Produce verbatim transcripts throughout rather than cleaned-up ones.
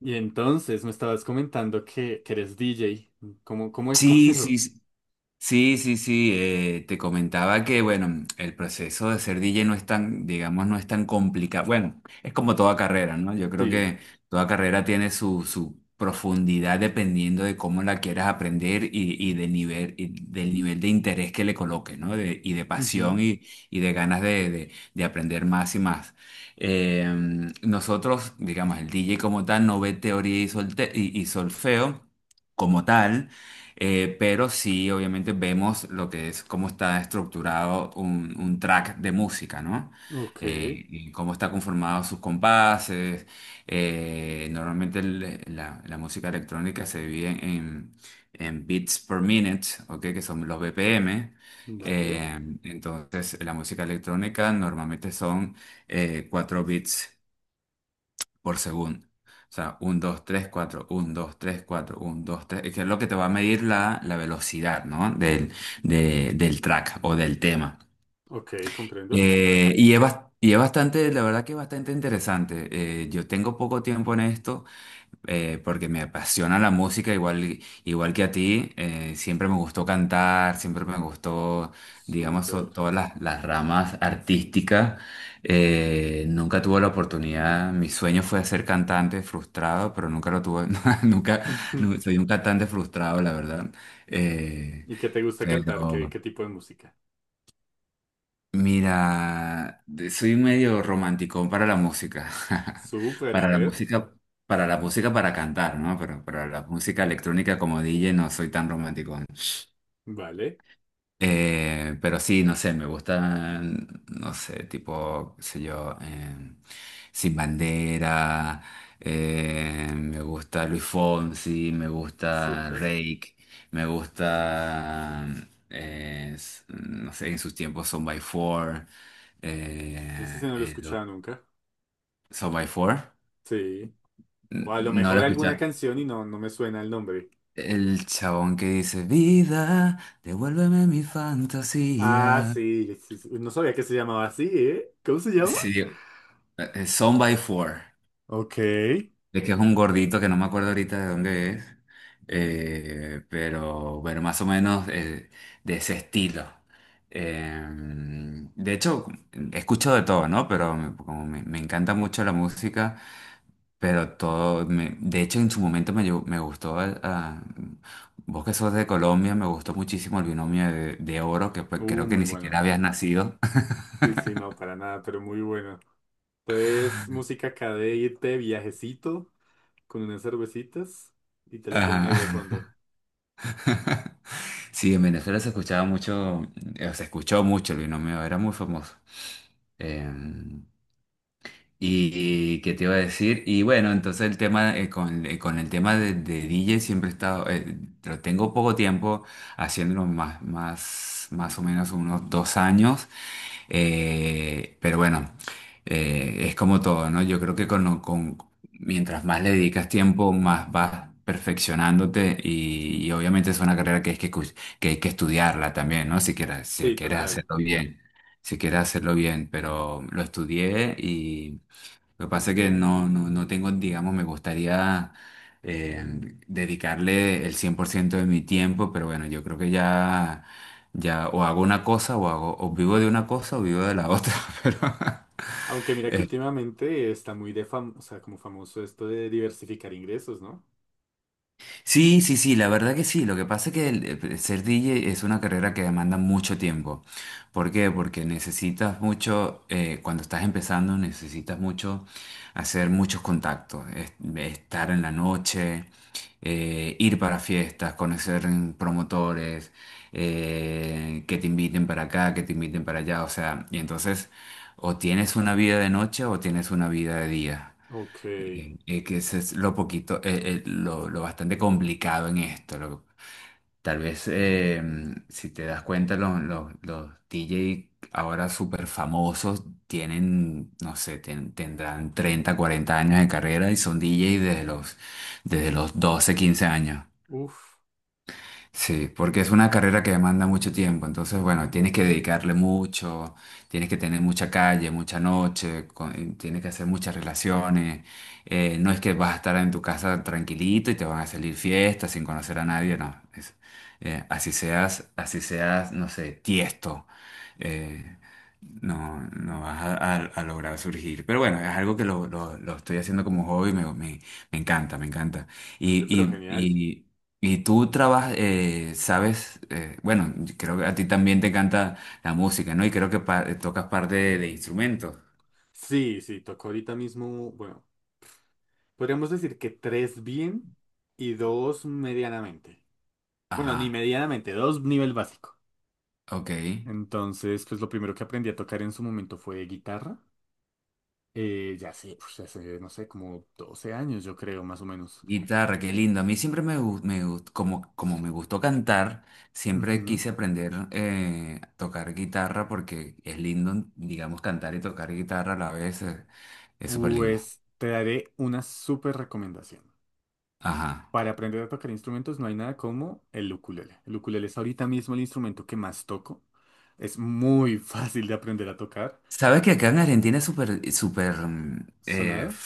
Y entonces me estabas comentando que, que eres D J. ¿Cómo, cómo es, cómo es Sí, sí, eso? sí, sí, sí, sí, eh, te comentaba que, bueno, el proceso de ser D J no es tan, digamos, no es tan complicado. Bueno, es como toda carrera, ¿no? Yo creo Sí. que toda carrera tiene su, su profundidad dependiendo de cómo la quieras aprender y, y del nivel, y del nivel de interés que le coloques, ¿no? De- y de pasión Ujú. y, y de ganas de, de- de aprender más y más. Eh, Nosotros, digamos, el D J como tal no ve teoría y solte- y y solfeo como tal. Eh, pero sí, obviamente vemos lo que es, cómo está estructurado un, un track de música, ¿no? Ok, Eh, y cómo está conformado sus compases. Eh, normalmente el- la, la música electrónica se divide en, en beats per minute, ¿ok? Que son los B P M. vale. Eh, entonces, la música electrónica normalmente son eh, cuatro bits por segundo. O sea, uno, dos, tres, cuatro, uno, dos, tres, cuatro, uno, dos, tres, que es lo que te va a medir la, la velocidad, ¿no? Del, de- del track o del tema. Ok, comprendo. Eh, y es, bas- y es bastante, la verdad que es bastante interesante. Eh, yo tengo poco tiempo en esto, eh, porque me apasiona la música, igual, igual que a ti. Eh, siempre me gustó cantar, siempre me gustó, digamos, so- Súper. todas las, las ramas artísticas. Eh, nunca tuve la oportunidad, mi sueño fue ser cantante frustrado, pero nunca lo tuve, nunca, Ujú. nu- soy un cantante frustrado, la verdad. Eh, ¿Y qué te gusta cantar? ¿Qué, pero qué tipo de música? mira, de- soy medio romántico para la música. Súper, a Para la ver. música, para la música para cantar, ¿no? Pero para la música electrónica como D J no soy tan romántico. Vale, Eh, pero sí, no sé, me gustan, no sé, tipo, qué sé yo, eh, Sin Bandera, eh, me gusta Luis Fonsi, me gusta súper. Reik, me gusta, eh, s- no sé, en sus tiempos Son by Four. Ese sí eh, no lo he eh, lo- escuchado nunca. Son by Four. Sí. O N- a lo No lo mejor alguna escuchas. canción y no, no me suena el nombre. El chabón que dice, vida, devuélveme mi Ah, fantasía. sí, sí, sí. No sabía que se llamaba así, ¿eh? ¿Cómo se llama? Sí, Eh, eh, Son by Four, Ok. de que es un gordito que no me acuerdo ahorita de dónde es, eh, pero bueno, más o menos, eh, de ese estilo. Eh, de hecho, escucho de todo, ¿no? Pero me- como me, me encanta mucho la música, pero todo, me- de hecho en su momento me, llevó- me gustó, el- a- vos que sos de Colombia, me gustó muchísimo el binomio de, de oro, que Uh, pues, creo que muy ni bueno. siquiera habías nacido. Sí, sí, no, para nada, pero muy bueno. Entonces, música acá de irte de viajecito con unas cervecitas y te lo ponen ahí de Ajá. fondo. Sí, en Venezuela se escuchaba mucho, eh, se escuchó mucho el binomio, era muy famoso. Em, y qué te iba a decir, y bueno, entonces el tema, eh, con, eh, con el tema de, de D J siempre he estado, eh, pero tengo poco tiempo haciéndolo, más, más, más o menos unos dos años, eh, pero bueno, eh, es como todo, ¿no? Yo creo que con, con- mientras más le dedicas tiempo, más vas perfeccionándote y, y obviamente es una carrera que es que, cu- que hay que estudiarla también, ¿no? Si quieres, si Sí, quieres total. hacerlo bien, si quieres hacerlo bien, pero lo estudié. Lo que pasa es que no, no, no tengo, digamos, me gustaría, eh, dedicarle el cien por ciento de mi tiempo, pero bueno, yo creo que ya, ya o hago una cosa o hago, o vivo de una cosa o vivo de la otra, pero Aunque mira que últimamente está muy de fam, o sea, como famoso esto de diversificar ingresos, ¿no? sí, sí, sí, la verdad que sí. Lo que pasa es que el- eh, ser D J es una carrera que demanda mucho tiempo. ¿Por qué? Porque necesitas mucho, eh, cuando estás empezando, necesitas mucho hacer muchos contactos, es- estar en la noche, eh, ir para fiestas, conocer, mm, promotores, eh, que te inviten para acá, que te inviten para allá. O sea, y entonces o tienes una vida de noche o tienes una vida de día, Ok. eh, eh, que ese es lo poquito, eh, eh, lo, lo bastante complicado en esto. Lo- tal vez, eh, si te das cuenta, los, los, los D J ahora súper famosos tienen, no sé, ten- tendrán treinta cuarenta años de carrera y son D J desde los, desde los doce quince años. Uf. Sí, porque es una carrera que demanda mucho tiempo, entonces bueno, tienes que dedicarle mucho, tienes que tener mucha calle, mucha noche, con- eh, tienes que hacer muchas relaciones, eh, no es que vas a estar en tu casa tranquilito y te van a salir fiestas sin conocer a nadie, no, es- eh, así seas, así seas, no sé, Tiesto, eh, no, no vas a, a- a lograr surgir, pero bueno, es algo que lo, lo- lo estoy haciendo como hobby, me, me- me encanta, me encanta. Oye, pero Y, genial. y, y tú trabajas, eh, sabes, eh, bueno, creo que a ti también te encanta la música, ¿no? Y creo que pa- tocas parte de, de instrumentos. Sí, sí, tocó ahorita mismo, bueno, podríamos decir que tres bien y dos medianamente. Bueno, ni Ajá, medianamente, dos nivel básico. ok. Entonces, pues lo primero que aprendí a tocar en su momento fue guitarra. Eh, ya sé, pues, hace, no sé, como doce años, yo creo, más o menos. Guitarra, qué lindo. A mí siempre me, gu- me gust- como, como me gustó cantar, siempre Ujú. quise aprender, eh, a tocar guitarra porque es lindo, digamos, cantar y tocar guitarra a la vez, eh, es súper lindo. Pues te daré una súper recomendación. Ajá. Para aprender a tocar instrumentos no hay nada como el ukulele. El ukulele es ahorita mismo el instrumento que más toco. Es muy fácil de aprender a tocar. ¿Sabes que acá en Argentina es súper, súper, mm, eh, ¿Sonado?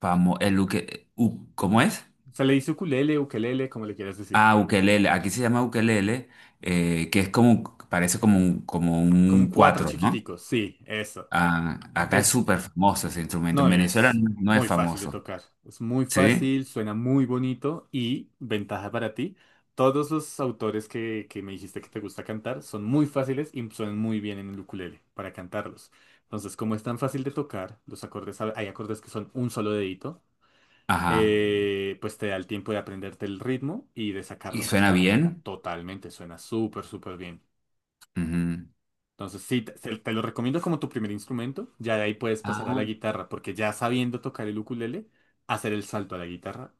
famo- el uke- u- ¿cómo es? Se le dice ukulele, ukelele, como le quieras decir. Ah, ukelele. Aquí se llama ukelele, eh, que es como, parece como un, como Como un cuatro cuatro, ¿no? chiquiticos, sí, eso. Ah, acá es Es súper famoso ese instrumento. En No, y Venezuela es no, no es muy fácil de famoso, tocar. Es muy ¿sí? fácil, suena muy bonito y ventaja para ti. Todos los autores que, que me dijiste que te gusta cantar son muy fáciles y suenan muy bien en el ukulele para cantarlos. Entonces, como es tan fácil de tocar, los acordes, a- hay acordes que son un solo dedito, Ajá. eh, pues te da el tiempo de aprenderte el ritmo y de ¿Y sacarlo suena cantando. bien? Totalmente, suena súper, súper bien. Ujú. Entonces, sí, te, se- te lo recomiendo como tu primer instrumento. Ya de ahí puedes pasar a Ah, la guitarra, porque ya sabiendo tocar el ukulele, hacer el salto a la guitarra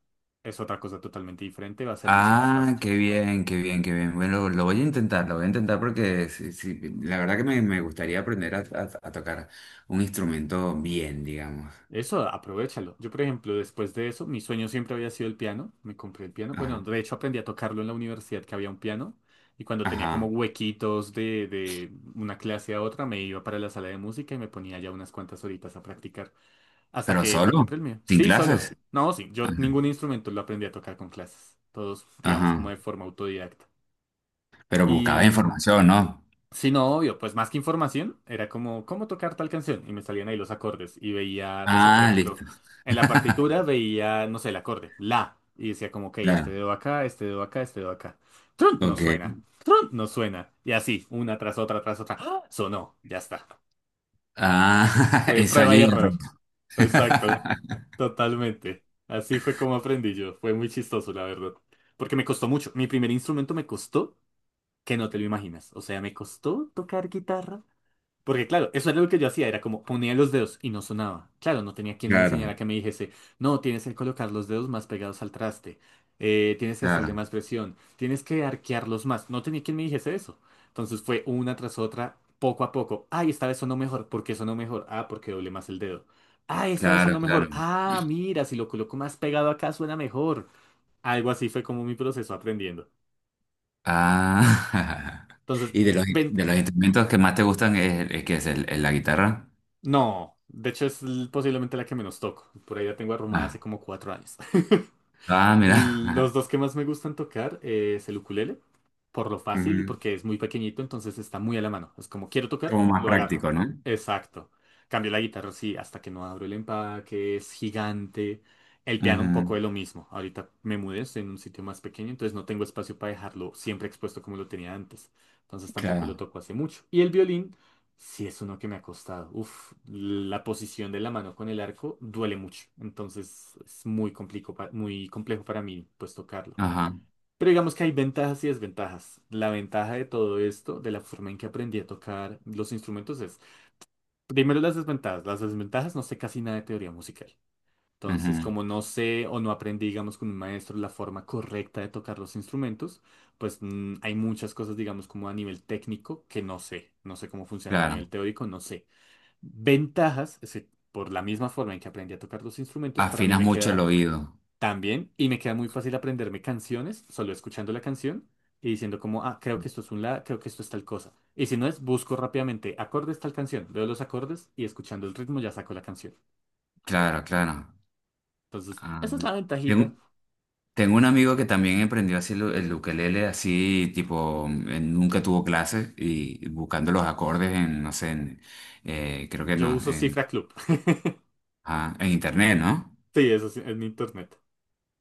es otra cosa totalmente diferente, va a ser mucho más ah, fácil. qué bien, qué bien, qué bien. Bueno, lo voy a intentar, lo voy a intentar porque sí, sí, la verdad que me, me gustaría aprender a, a- a tocar un instrumento bien, digamos. Eso, aprovechalo. Yo, por ejemplo, después de eso, mi sueño siempre había sido el piano. Me compré el piano. Bueno, Ajá, de hecho aprendí a tocarlo en la universidad, que había un piano. Y cuando tenía como ajá. huequitos de, de una clase a otra, me iba para la sala de música y me ponía ya unas cuantas horitas a practicar. Hasta ¿Pero que me solo? compré el mío. ¿Sin Sí, solo. clases? No, sí, yo Ajá. ningún instrumento lo aprendí a tocar con clases. Todos, digamos, como Ajá. de forma autodidacta. Pero Y buscaba mm, información, ¿no? sí, no, obvio, pues más que información, era como cómo tocar tal canción. Y me salían ahí los acordes. Y veía, no sé, por Ah, ejemplo, listo. en la partitura veía, no sé, el acorde, la. Y decía como, ok, este Claro, dedo acá, este dedo acá, este dedo acá. Trun, no ok. suena. Trun, no suena. Y así, una tras otra, tras otra. ¡Ah! Sonó, ya está. Ah, Fue prueba ensayo y y error. error. Exacto, totalmente. Así fue como aprendí yo. Fue muy chistoso, la verdad. Porque me costó mucho. Mi primer instrumento me costó que no te lo imaginas. O sea, me costó tocar guitarra. Porque claro, eso era lo que yo hacía, era como ponía los dedos y no sonaba. Claro, no tenía quien me Claro, enseñara que me dijese, no, tienes que colocar los dedos más pegados al traste, eh, tienes que hacerle claro, más presión, tienes que arquearlos más. No tenía quien me dijese eso. Entonces fue una tras otra, poco a poco. Ay, esta vez sonó mejor. ¿Por qué sonó mejor? Ah, porque doblé más el dedo. Ay, esta vez claro, sonó claro. mejor. Ah, mira, si lo coloco más pegado acá suena mejor. Algo así fue como mi proceso aprendiendo. Ah, Entonces, y de los, ven- de los instrumentos que más te gustan es, es que es el, el- la guitarra. no, de hecho es l- posiblemente la que menos toco. Por ahí la tengo arrumada Ah, hace como cuatro años. ah, mira. Los dos que más me gustan tocar eh, es el ukulele, por lo fácil y Ujú. porque es muy pequeñito, entonces está muy a la mano. Es como quiero tocar, Como más lo agarro. práctico, ¿no? Exacto. Cambio la guitarra, sí, hasta que no abro el empaque, es gigante. El piano un poco Ujú, de lo mismo. Ahorita me mudé, estoy en un sitio más pequeño, entonces no tengo espacio para dejarlo siempre expuesto como lo tenía antes. Entonces tampoco lo claro, toco hace mucho. Y el violín. Sí, es uno que me ha costado. Uf, la posición de la mano con el arco duele mucho. Entonces es muy complico pa- muy complejo para mí, pues tocarlo. ajá, Pero digamos que hay ventajas y desventajas. La ventaja de todo esto, de la forma en que aprendí a tocar los instrumentos, es primero las desventajas. Las desventajas no sé casi nada de teoría musical. Entonces, ujú, como no sé o no aprendí, digamos, con un maestro la forma correcta de tocar los instrumentos, pues mm, hay muchas cosas, digamos, como a nivel técnico que no sé. No sé cómo funciona a nivel claro. teórico, no sé. Ventajas, es decir, por la misma forma en que aprendí a tocar los instrumentos, para mí Afinas me, mucho el queda oído. tan bien y me queda muy fácil aprenderme canciones solo escuchando la canción y diciendo como, ah, creo que esto es un la, creo que esto es tal cosa. Y si no es, busco rápidamente acordes tal canción, veo los acordes y escuchando el ritmo ya saco la canción. Claro, claro. Entonces, Ah, esa es la tengo- ventajita. tengo un amigo que también emprendió así el, el ukelele, así tipo, eh, nunca tuvo clases y buscando los acordes en, no sé, en, eh, creo que Yo no, uso Cifra en, Club. ah, en internet, ¿no? Sí, eso sí, es mi internet.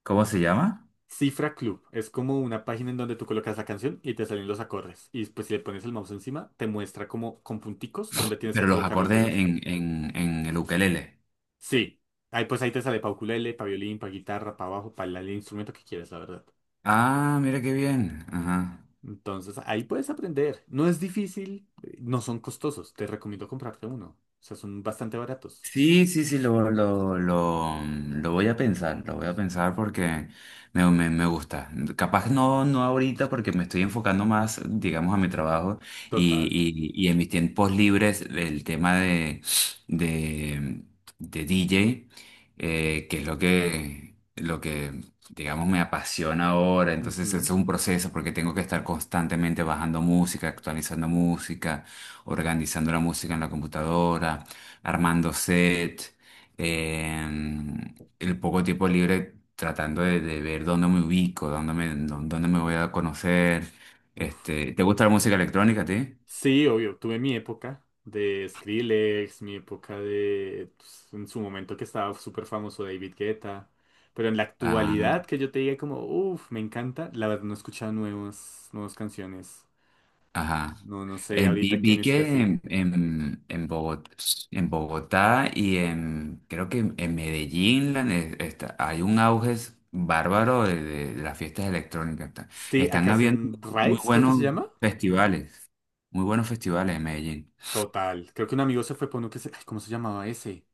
¿Cómo se llama? Cifra Club es como una página en donde tú colocas la canción y te salen los acordes. Y después si le pones el mouse encima, te muestra como con punticos donde tienes que Pero los colocar los acordes dedos. en, en, en el ukelele. Sí. Ahí, pues ahí te sale para ukulele, para violín, para guitarra, para bajo, para el instrumento que quieras, la verdad. Ah, mira qué bien. Ajá. Entonces ahí puedes aprender. No es difícil, eh, no son costosos. Te recomiendo comprarte uno. O sea, son bastante baratos. Sí, sí, sí, lo, lo, lo, lo voy a pensar, lo voy a pensar porque me, me, me gusta. Capaz no, no ahorita porque me estoy enfocando más, digamos, a mi trabajo, y, Total. y, y en mis tiempos libres el tema de, de, de D J, eh, que es lo que, lo que, digamos, me apasiona ahora. Entonces Ujú. es un proceso porque tengo que estar constantemente bajando música, actualizando música, organizando la música en la computadora armando set, em, el poco tiempo libre tratando de, de ver dónde me ubico, dónde me, dó- dónde me voy a conocer. Uf. Este, ¿te gusta la música electrónica a ti? Sí, obvio, tuve mi época de Skrillex, mi época de, pues, en su momento que estaba súper famoso David Guetta, pero en la Ah, actualidad que yo te diga como, uff, me encanta, la verdad no he escuchado nuevas, nuevas canciones. ajá. No, no, sé Eh, vi, ahorita quién Vi está que así. en, en, en Bogot- en Bogotá y en, creo que en en Medellín, la ne- está- hay un auge bárbaro de, de- de las fiestas electrónicas. Está- Sí, acá Están habiendo hacen muy Rights, creo que se buenos llama. festivales, muy buenos festivales en Medellín. Total, creo que un amigo se fue por uno que se, ay, ¿cómo se llamaba ese?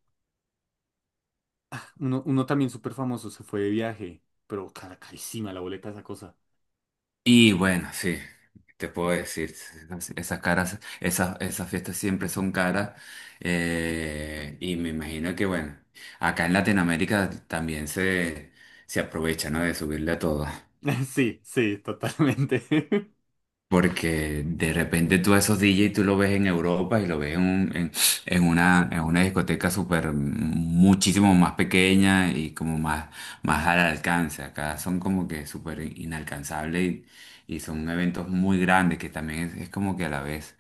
Uno, uno también súper famoso, se fue de viaje, pero cara, carísima la boleta de esa cosa. Y bueno, sí, te puedo decir, esas esas caras, esas, esas fiestas siempre son caras. Eh, y me imagino que, bueno, acá en Latinoamérica también se, se aprovecha, ¿no? De subirle a todo. Sí, sí, totalmente. Porque de repente tú a esos D J tú lo ves en Europa y lo ves en, un- en, en una, en una discoteca súper muchísimo más pequeña y como más, más al alcance. Acá son como que súper inalcanzables y, y son eventos muy grandes que también es, es como que a la vez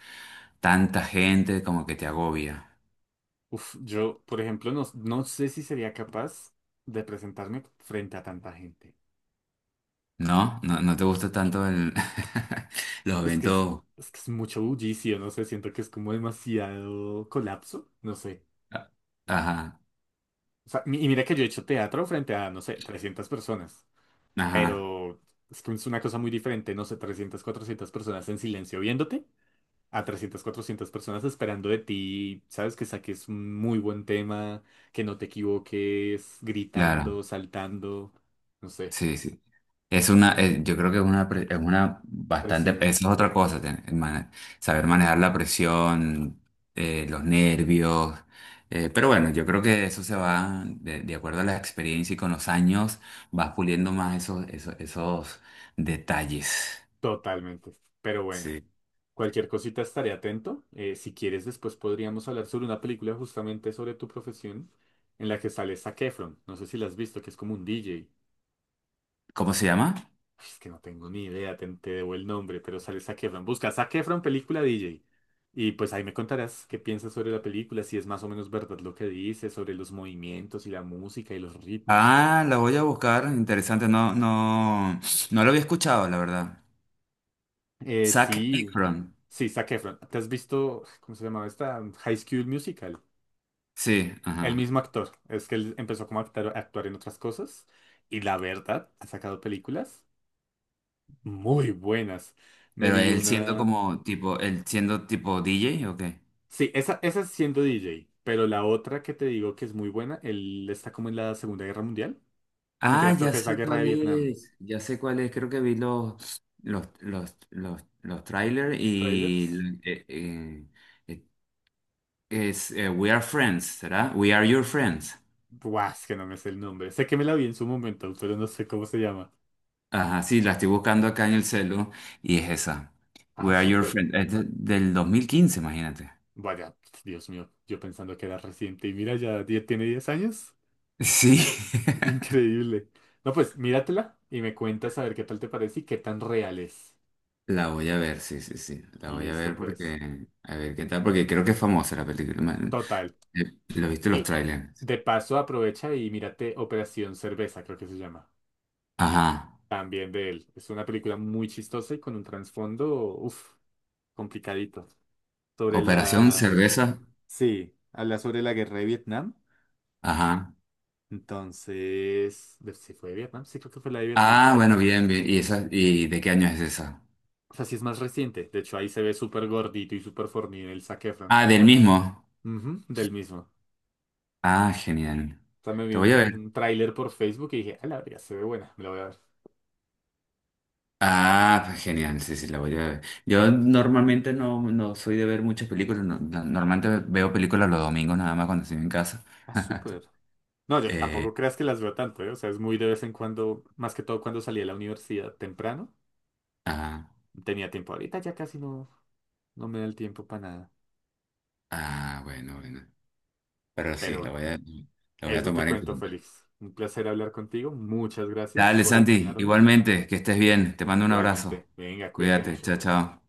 tanta gente como que te agobia. Uf, yo, por ejemplo, no, no sé si sería capaz de presentarme frente a tanta gente. ¿No? ¿No, no te gusta tanto el, los Es que es, eventos? es que es mucho bullicio, no sé, siento que es como demasiado colapso, no sé. Ajá, O sea, mi- y mira que yo he hecho teatro frente a, no sé, trescientas personas, ajá, pero es que es una cosa muy diferente, no sé, trescientas cuatrocientas personas en silencio viéndote, a trescientas cuatrocientas personas esperando de ti, sabes, que saques un muy buen tema, que no te equivoques, claro. gritando, saltando, no sé. Sí, sí. Es una, eh, yo creo que es una, pre- es una bastante, esa Presión. es otra cosa, ten- mane- saber manejar la presión, eh, los nervios, eh, pero bueno, yo creo que eso se va, de, de acuerdo a la experiencia y con los años, vas puliendo más esos, esos, esos detalles. Totalmente. Pero bueno, Sí. cualquier cosita estaré atento. Eh, si quieres, después podríamos hablar sobre una película justamente sobre tu profesión en la que sale Zac Efron. No sé si la has visto, que es como un D J. ¿Cómo se llama? Es que no tengo ni idea, te, te debo el nombre, pero sale Zac Efron. Busca Zac Efron película D J. Y pues ahí me contarás qué piensas sobre la película, si es más o menos verdad lo que dice, sobre los movimientos y la música y los ritmos. Ah, la voy a buscar, interesante, no, no, no lo había escuchado, la verdad. Eh, Zac sí, Efron, sí, Zac Efron. ¿Te has visto, cómo se llamaba esta? High School Musical. sí, El ajá. mismo actor. Es que él empezó como a actar- a actuar en otras cosas. Y la verdad, ha sacado películas muy buenas. Me Pero vi él siendo una. como tipo, él siendo tipo D J, ¿o qué? Sí, esa, esa es siendo D J. Pero la otra que te digo que es muy buena, él está como en la Segunda Guerra Mundial. No Ah, mentiras, creo ya que es la sé Guerra de cuál Vietnam. es, ya sé cuál es, creo que vi los, los, los, los, los trailers Los trailers. y, eh, eh, eh, es, eh, We Are Friends, ¿será? We Are Your Friends. Buah, es que no me sé el nombre. Sé que me la vi en su momento, pero no sé cómo se llama. Ajá, sí, la estoy buscando acá en el celu y es esa. Ah, We Are Your súper. Friends, es de- del dos mil quince, imagínate. Vaya, Dios mío, yo pensando que era reciente. Y mira, ya die- tiene diez años. Sí. Increíble. No, pues míratela y me cuentas a ver qué tal te parece y qué tan real es. La voy a ver, sí, sí, sí. La voy a Listo, ver pues. porque, a ver qué tal, porque creo que es famosa la película. Man, Total. eh, lo viste los Y trailers. de paso aprovecha y mírate Operación Cerveza, creo que se llama. Ajá. También de él. Es una película muy chistosa y con un trasfondo, uff, complicadito. Sobre Operación la... Cerveza. Sí, habla sobre la guerra de Vietnam. Ajá. Entonces, de- ¿sí fue de Vietnam? Sí, creo que fue la de Vietnam. Ah, bueno, bien, bien. ¿Y esa, y de qué año es esa? O sea, sí es más reciente. De hecho, ahí se ve súper gordito y súper fornido el Zac Efron. Ah, del mismo. Ujú, del mismo. Ah, genial. O sea, me vi Te voy a un, ver. un tráiler por Facebook y dije, a la verga, se ve buena, me la voy a ver. Ah, pues genial, sí, sí, la voy a ver. Yo normalmente no, no soy de ver muchas películas, no- no- normalmente veo películas los domingos nada más cuando estoy en casa. Ah, súper. No, yo tampoco Eh, creas que las veo tanto, ¿eh? O sea, es muy de vez en cuando, más que todo cuando salí de la universidad temprano. ah, Tenía tiempo ahorita, ya casi no, no, me da el tiempo para nada. ah, bueno, bueno. Pero sí, Pero lo bueno, voy a, lo voy a eso te tomar en cuento, cuenta. Félix. Un placer hablar contigo. Muchas gracias Dale, por Santi, enseñarme. igualmente, que estés bien. Te mando un abrazo. Igualmente, venga, cuídate Cuídate, mucho. chao, chao.